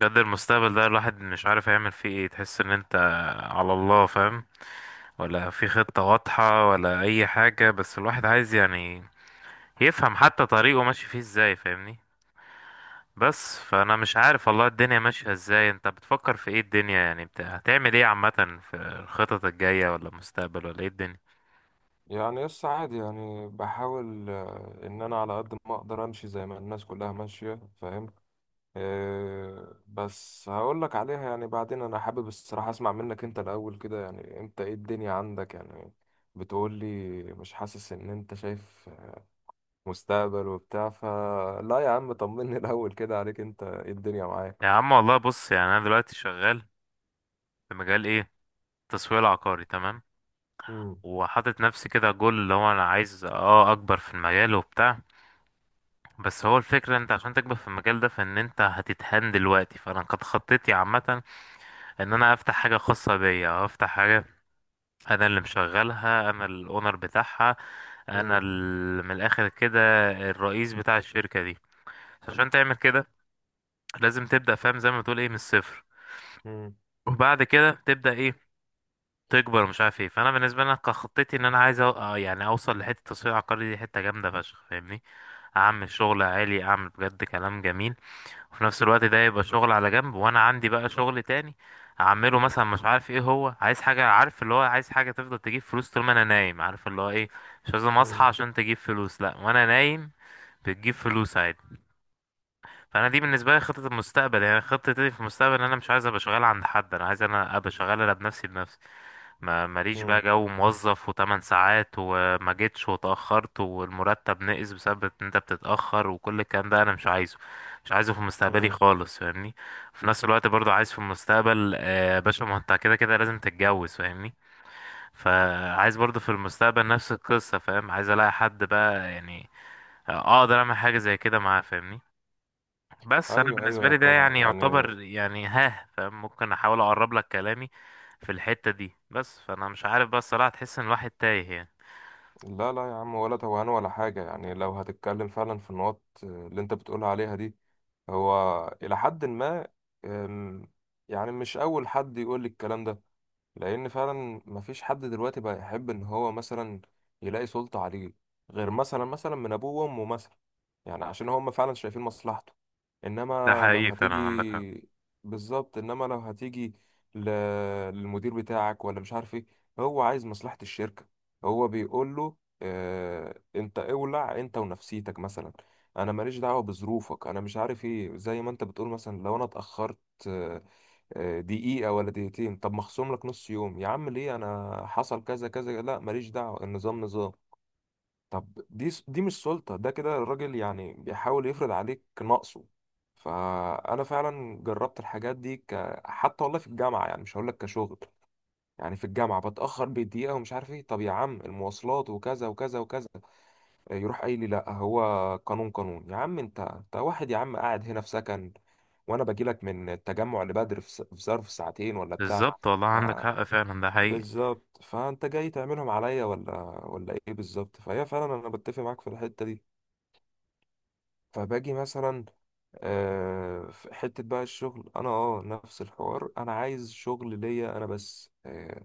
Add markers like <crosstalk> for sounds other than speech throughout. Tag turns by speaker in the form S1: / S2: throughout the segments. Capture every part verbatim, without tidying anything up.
S1: بجد المستقبل ده الواحد مش عارف هيعمل فيه ايه. تحس ان انت على الله فاهم ولا في خطة واضحة ولا اي حاجة، بس الواحد عايز يعني يفهم حتى طريقه ماشي فيه ازاي، فاهمني؟ بس فانا مش عارف والله الدنيا ماشية ازاي. انت بتفكر في ايه الدنيا؟ يعني بت... هتعمل ايه عامة في الخطط الجاية ولا المستقبل ولا ايه الدنيا؟
S2: يعني يس عادي يعني بحاول آه، ان انا على قد ما اقدر امشي زي ما الناس كلها ماشية فاهم. آه، بس هقول لك عليها يعني بعدين انا حابب الصراحة اسمع منك انت الاول كده يعني انت ايه الدنيا عندك يعني بتقول لي؟ مش حاسس ان انت شايف مستقبل وبتاع؟ فلا يا عم طمني <laughs> الاول كده عليك انت ايه الدنيا
S1: يا
S2: معاك؟
S1: عم والله بص، يعني انا دلوقتي شغال في مجال ايه؟ التسويق العقاري، تمام.
S2: مم.
S1: وحاطط نفسي كده جول، اللي هو انا عايز اه اكبر في المجال وبتاع. بس هو الفكرة، انت عشان تكبر في المجال ده فان انت هتتهان دلوقتي، فانا قد خطيتي عامة ان انا افتح حاجة خاصة بيا او افتح حاجة انا اللي مشغلها، انا الاونر بتاعها، انا
S2: مم.
S1: ال- من الاخر كده الرئيس بتاع الشركة دي. عشان تعمل كده لازم تبدأ، فاهم زي ما بتقول ايه، من الصفر،
S2: مم.
S1: وبعد كده تبدأ ايه؟ تكبر، مش عارف ايه. فانا بالنسبة لي كان خطتي ان انا عايز أو... آه يعني اوصل لحتة التسويق العقاري دي، حتة جامدة فشخ، فاهمني؟ اعمل شغل عالي، اعمل بجد كلام جميل. وفي نفس الوقت ده يبقى شغل على جنب، وانا عندي بقى شغل تاني اعمله، مثلا مش عارف ايه هو، عايز حاجة، عارف اللي هو عايز حاجة تفضل تجيب فلوس طول ما انا نايم، عارف اللي هو ايه؟ مش لازم اصحى
S2: مم.
S1: عشان تجيب فلوس، لا، وانا نايم بتجيب فلوس عادي. فانا دي بالنسبه لي خطه المستقبل، يعني خطتي في المستقبل ان انا مش عايز ابقى شغال عند حد، انا عايز انا ابقى شغال انا بنفسي بنفسي. ما ماليش بقى
S2: مم.
S1: جو موظف و8 ساعات وما جيتش واتاخرت والمرتب نقص بسبب ان انت بتتاخر، وكل الكلام ده انا مش عايزه، مش عايزه في مستقبلي
S2: مم.
S1: خالص، فاهمني؟ في نفس الوقت برضو عايز في المستقبل، آه، يا باشا ما انت كده كده لازم تتجوز، فاهمني؟ فعايز برضو في المستقبل نفس القصه، فاهم؟ عايز الاقي حد بقى يعني، آه، اقدر اعمل حاجه زي كده معاه، فاهمني؟ بس انا
S2: ايوه
S1: بالنسبه
S2: ايوه
S1: لي ده
S2: طبعا
S1: يعني
S2: يعني.
S1: يعتبر يعني ها، فممكن احاول اقرب لك كلامي في الحته دي. بس فانا مش عارف بقى الصراحه، تحس ان الواحد تايه يعني.
S2: لا لا يا عم ولا توهان ولا حاجة يعني. لو هتتكلم فعلا في النقط آه، اللي انت بتقول عليها دي، هو إلى حد ما. أم، يعني مش أول حد يقول لي الكلام ده، لأن فعلا مفيش حد دلوقتي بقى يحب إن هو مثلا يلاقي سلطة عليه، غير مثلا مثلا من أبوه وأمه مثلا، يعني عشان هم فعلا شايفين مصلحته.
S1: ده
S2: إنما لو
S1: حقيقي فعلا، عندك حق.
S2: هتيجي. بالظبط، إنما لو هتيجي ل- للمدير بتاعك ولا مش عارف إيه، هو عايز مصلحة الشركة، هو بيقول له آه، انت اولع انت ونفسيتك مثلا، انا ماليش دعوه بظروفك انا مش عارف ايه. زي ما انت بتقول، مثلا لو انا اتاخرت آه، آه، دقيقه ولا دقيقتين، طب مخصوم لك نص يوم. يا عم ليه؟ انا حصل كذا كذا. لا ماليش دعوه، النظام نظام. طب دي س- دي مش سلطه، ده كده الراجل يعني بيحاول يفرض عليك نقصه. فانا فعلا جربت الحاجات دي ك... حتى والله في الجامعه، يعني مش هقول لك كشغل، يعني في الجامعه بتاخر بدقيقه ومش عارف ايه. طب يا عم المواصلات وكذا وكذا وكذا. يروح قايل لي لا، هو قانون قانون. يا عم انت انت واحد يا عم قاعد هنا في سكن، وانا باجي لك من التجمع لبدر في س- في ظرف ساعتين ولا بتاع.
S1: بالظبط، والله عندك
S2: ع-
S1: حق، فعلا ده حقيقي.
S2: بالظبط، فانت جاي تعملهم عليا ولا ولا ايه؟ بالظبط، فهي فعلا انا بتفق معاك في الحتة دي. فباجي مثلا آه، في حتة بقى الشغل. أنا أه نفس الحوار، أنا عايز شغل ليا أنا بس، آه،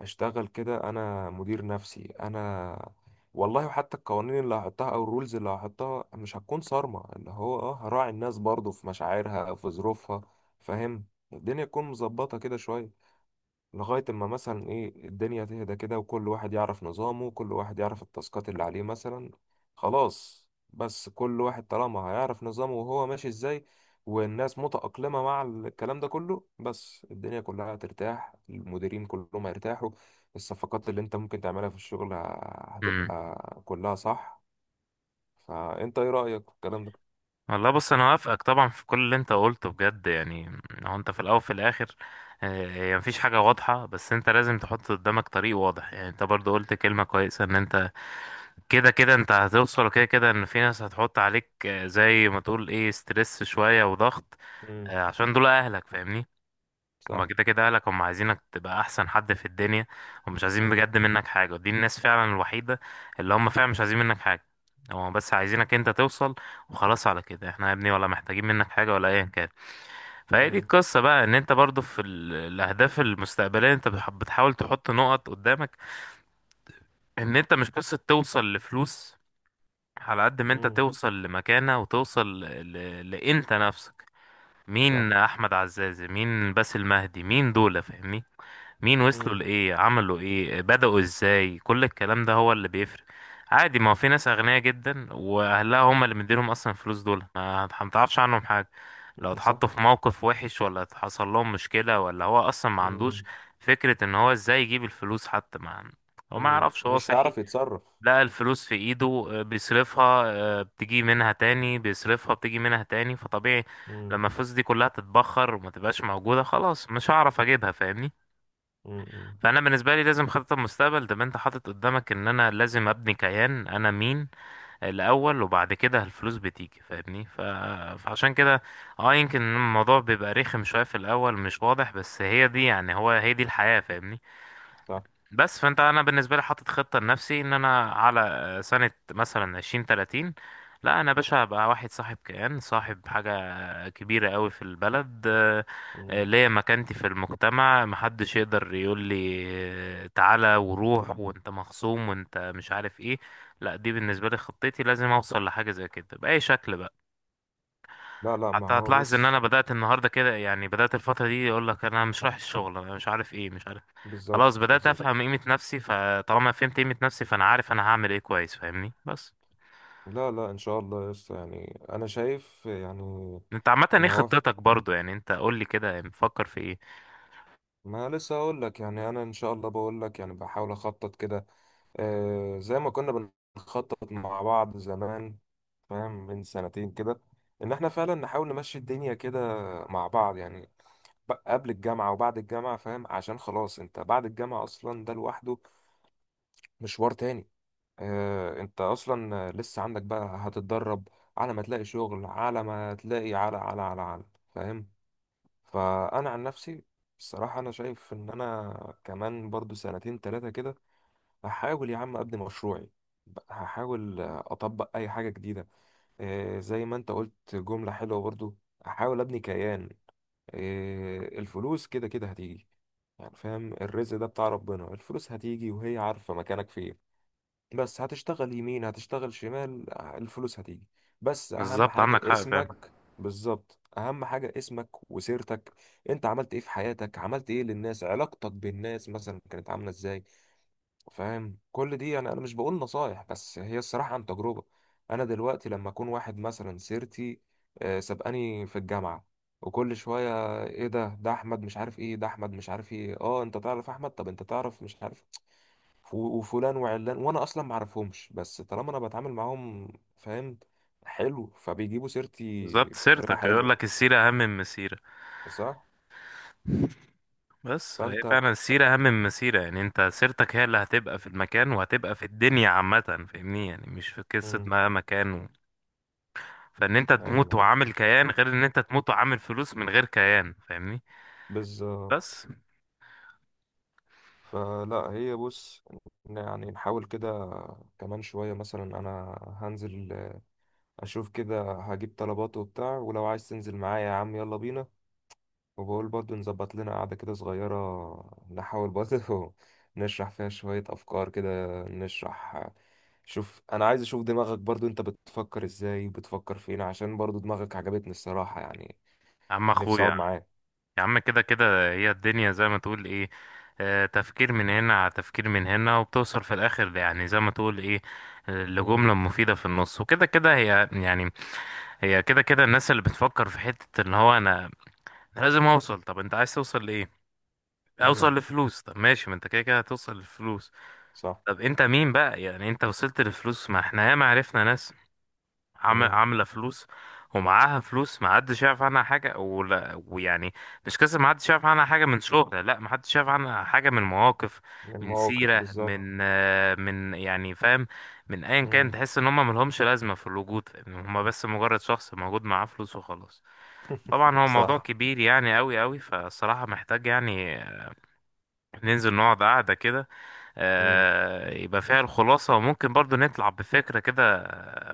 S2: أشتغل كده أنا مدير نفسي أنا. والله وحتى القوانين اللي هحطها أو الرولز اللي هحطها مش هتكون صارمة، اللي هو أه هراعي الناس برضو في مشاعرها أو في ظروفها، فاهم؟ الدنيا تكون مظبطة كده شوية، لغاية اما مثلا ايه، الدنيا تهدى كده وكل واحد يعرف نظامه، وكل واحد يعرف التاسكات اللي عليه مثلا. خلاص، بس كل واحد طالما هيعرف نظامه وهو ماشي ازاي، والناس متأقلمة مع الكلام ده كله، بس الدنيا كلها هترتاح، المديرين كلهم هيرتاحوا، الصفقات اللي انت ممكن تعملها في الشغل ه-
S1: امم.
S2: هتبقى كلها صح. فانت ايه رأيك في الكلام ده؟
S1: والله بص انا وافقك طبعا في كل اللي انت قلته بجد، يعني هو انت في الاول وفي الاخر، آه، هي مفيش حاجه واضحه، بس انت لازم تحط قدامك طريق واضح. يعني انت برضو قلت كلمه كويسه، ان انت كده كده انت هتوصل، وكده كده ان في ناس هتحط عليك آه، زي ما تقول ايه ستريس شوية وضغط،
S2: امم
S1: آه، عشان دول اهلك، فاهمني؟ هما
S2: صح.
S1: كده كده اهلك، هما عايزينك تبقى احسن حد في الدنيا، ومش عايزين
S2: امم
S1: بجد منك حاجة، ودي الناس فعلا الوحيدة اللي هما فعلا مش عايزين منك حاجة، هما بس عايزينك انت توصل وخلاص، على كده احنا يا ابني، ولا محتاجين منك حاجة ولا ايا كان. فهي دي
S2: امم
S1: القصة بقى، ان انت برضو في ال- الاهداف المستقبلية انت بتح- بتحاول تحط نقط قدامك، ان انت مش قصة توصل لفلوس، على قد ما انت
S2: امم
S1: توصل لمكانة وتوصل ل... لانت نفسك. مين
S2: صح.
S1: احمد عزازي، مين باسل مهدي، مين دول، فاهمني؟ مين وصلوا
S2: امم
S1: لايه، عملوا ايه، بدأوا ازاي، كل الكلام ده هو اللي بيفرق. عادي، ما هو في ناس اغنياء جدا واهلها هم اللي مديلهم اصلا الفلوس، دول ما هت- متعرفش عنهم حاجة. لو
S2: <laughs>
S1: اتحطوا
S2: صح.
S1: في موقف وحش ولا حصل لهم مشكلة، ولا هو اصلا ما عندوش
S2: امم
S1: فكرة ان هو ازاي يجيب الفلوس، حتى ما هو ما
S2: امم
S1: يعرفش هو
S2: مش
S1: صحي.
S2: هيعرف يتصرف.
S1: لقى الفلوس في ايده آه، بيصرفها، آه، بتيجي منها تاني بيصرفها، بتيجي منها تاني. فطبيعي
S2: مم.
S1: لما الفلوس دي كلها تتبخر وما تبقاش موجودة، خلاص مش هعرف اجيبها، فاهمني؟
S2: مم. مم.
S1: فانا بالنسبة لي لازم خطة المستقبل ده انت حاطط قدامك ان انا لازم ابني كيان، انا مين الاول، وبعد كده الفلوس بتيجي، فاهمني؟ ف... فعشان كده اه يمكن الموضوع بيبقى رخم شوية في الاول مش واضح، بس هي دي يعني، هو هي دي الحياة، فاهمني؟
S2: صح.
S1: بس فانت انا بالنسبه لي حاطط خطه لنفسي ان انا على آه، سنه مثلا عشرين، تلاتين، لا انا يا باشا هبقى واحد صاحب كيان، صاحب حاجه كبيره قوي في البلد، آه، آه،
S2: مم.
S1: ليا مكانتي في المجتمع، محدش يقدر يقول لي آه، تعالى وروح وانت مخصوم وانت مش عارف ايه، لا، دي بالنسبه لي خطتي، لازم اوصل لحاجه زي كده باي شكل بقى.
S2: لا لا ما
S1: حتى
S2: هو
S1: هتلاحظ ان
S2: بص.
S1: انا بدأت النهارده كده، يعني بدأت الفترة دي اقول لك انا مش رايح الشغل انا مش عارف ايه، مش عارف، خلاص
S2: بالظبط
S1: بدأت
S2: بالظبط.
S1: افهم قيمة نفسي، فطالما فهمت قيمة نفسي فانا عارف انا هعمل ايه كويس، فاهمني؟ بس
S2: لا لا ان شاء الله يس. يعني انا شايف يعني
S1: انت عامة ايه
S2: ان هو،
S1: خطتك برضو؟ يعني انت قول لي كده مفكر في ايه.
S2: ما لسه اقول لك. يعني انا ان شاء الله بقول لك يعني بحاول اخطط كده آه زي ما كنا بنخطط مع بعض زمان، فاهم؟ من سنتين كده، ان احنا فعلا نحاول نمشي الدنيا كده مع بعض يعني ب- قبل الجامعة وبعد الجامعة، فاهم؟ عشان خلاص انت بعد الجامعة اصلا ده لوحده مشوار تاني. آه، انت اصلا لسه عندك بقى هتتدرب على ما تلاقي شغل، على ما تلاقي، على على على على، فاهم؟ فانا عن نفسي الصراحة انا شايف ان انا كمان برضو سنتين تلاتة كده هحاول يا عم ابني مشروعي، هحاول اطبق اي حاجة جديدة. آه، زي ما انت قلت جملة حلوة برضو، احاول ابني كيان. آه، الفلوس كده كده هتيجي، يعني فاهم، الرزق ده بتاع ربنا. الفلوس هتيجي وهي عارفة مكانك فين، بس هتشتغل يمين هتشتغل شمال الفلوس هتيجي. بس اهم
S1: بالظبط،
S2: حاجة
S1: عندك حق، فاهم.
S2: اسمك، بالظبط اهم حاجة اسمك وسيرتك. انت عملت ايه في حياتك؟ عملت ايه للناس؟ علاقتك بالناس مثلا كانت عاملة ازاي؟ فاهم؟ كل دي يعني، انا مش بقول نصايح بس هي الصراحة عن تجربة. انا دلوقتي لما اكون واحد مثلا سيرتي آه، سبقاني في الجامعة، وكل شوية ايه ده ده احمد مش عارف ايه؟ ده احمد مش عارف ايه؟ اه انت تعرف احمد؟ طب انت تعرف مش عارف؟ ف- وفلان وعلان، وانا اصلا ما اعرفهمش، بس طالما انا بتعامل معاهم فاهم، حلو، فبيجيبوا سيرتي
S1: بالظبط،
S2: بطريقه
S1: سيرتك، يقول
S2: حلوه.
S1: لك السيرة اهم من المسيرة.
S2: صح.
S1: بس هي
S2: فانت.
S1: فعلا السيرة اهم من المسيرة، يعني انت سيرتك هي اللي هتبقى في المكان وهتبقى في الدنيا عامة، فاهمني؟ يعني مش في قصة
S2: مم.
S1: ما مكان، فان انت
S2: ايوه
S1: تموت
S2: ايوه.
S1: وعامل كيان غير ان انت تموت وعامل فلوس من غير كيان، فاهمني؟
S2: بالظبط.
S1: بس.
S2: فلا هي بص، ن- يعني نحاول كده كمان شويه، مثلا انا هنزل اشوف كده هجيب طلبات وبتاع، ولو عايز تنزل معايا يا عم يلا بينا، وبقول برضه نظبط لنا قعدة كده صغيرة، نحاول برضه <laughs> نشرح فيها شوية أفكار كده، نشرح. شوف أنا عايز أشوف دماغك برضه، أنت بتفكر إزاي؟ بتفكر فين؟ عشان برضه دماغك عجبتني الصراحة، يعني
S1: يا عم
S2: نفسي أقعد
S1: اخويا،
S2: معاك.
S1: يا عم كده كده هي الدنيا زي ما تقول ايه، آه، تفكير من هنا على تفكير من هنا، وبتوصل في الاخر يعني زي ما تقول ايه، آه،
S2: مم.
S1: لجملة مفيدة في النص، وكده كده هي يعني، هي كده كده الناس اللي بتفكر في حتة ان هو انا أنا لازم اوصل. طب انت عايز توصل لايه؟ اوصل
S2: مم.
S1: لفلوس. طب ماشي، ما انت كده كده هتوصل لفلوس،
S2: صح.
S1: طب انت مين بقى؟ يعني انت وصلت لفلوس، ما احنا ياما عرفنا ناس عم-
S2: مم.
S1: عامله فلوس، ومعاها فلوس، ما حدش يعرف عنها حاجه ولا ويعني، مش قصه ما حدش يعرف عنها حاجه من شغل، لا، ما حدش يعرف عنها حاجه من مواقف، من
S2: المواقف
S1: سيره،
S2: بالظبط.
S1: من آه، من يعني، فاهم، من ايا كان.
S2: مم.
S1: تحس ان هم ملهمش لازمه في الوجود، ان هم بس مجرد شخص موجود معاه فلوس وخلاص. طبعا هو موضوع
S2: صح.
S1: كبير يعني قوي قوي، فالصراحه محتاج يعني ننزل نقعد قعده كده،
S2: مم.
S1: آه، يبقى فيها الخلاصة، وممكن برضو نطلع بفكرة كده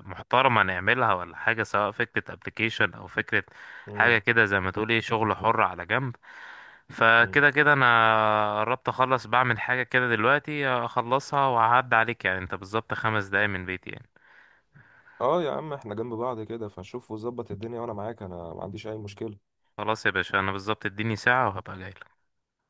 S1: محترمة نعملها ولا حاجة، سواء فكرة ابلكيشن أو فكرة حاجة
S2: مم.
S1: كده زي ما تقول ايه، شغل حر على جنب.
S2: مم.
S1: فكده كده أنا قربت أخلص، بعمل حاجة كده دلوقتي أخلصها وأعد عليك، يعني أنت بالظبط خمس دقايق من بيتي يعني.
S2: اه يا عم احنا جنب بعض كده، فشوف وظبط الدنيا وانا معاك، انا ما عنديش اي مشكلة.
S1: خلاص يا باشا، أنا بالظبط اديني ساعة وهبقى جاي.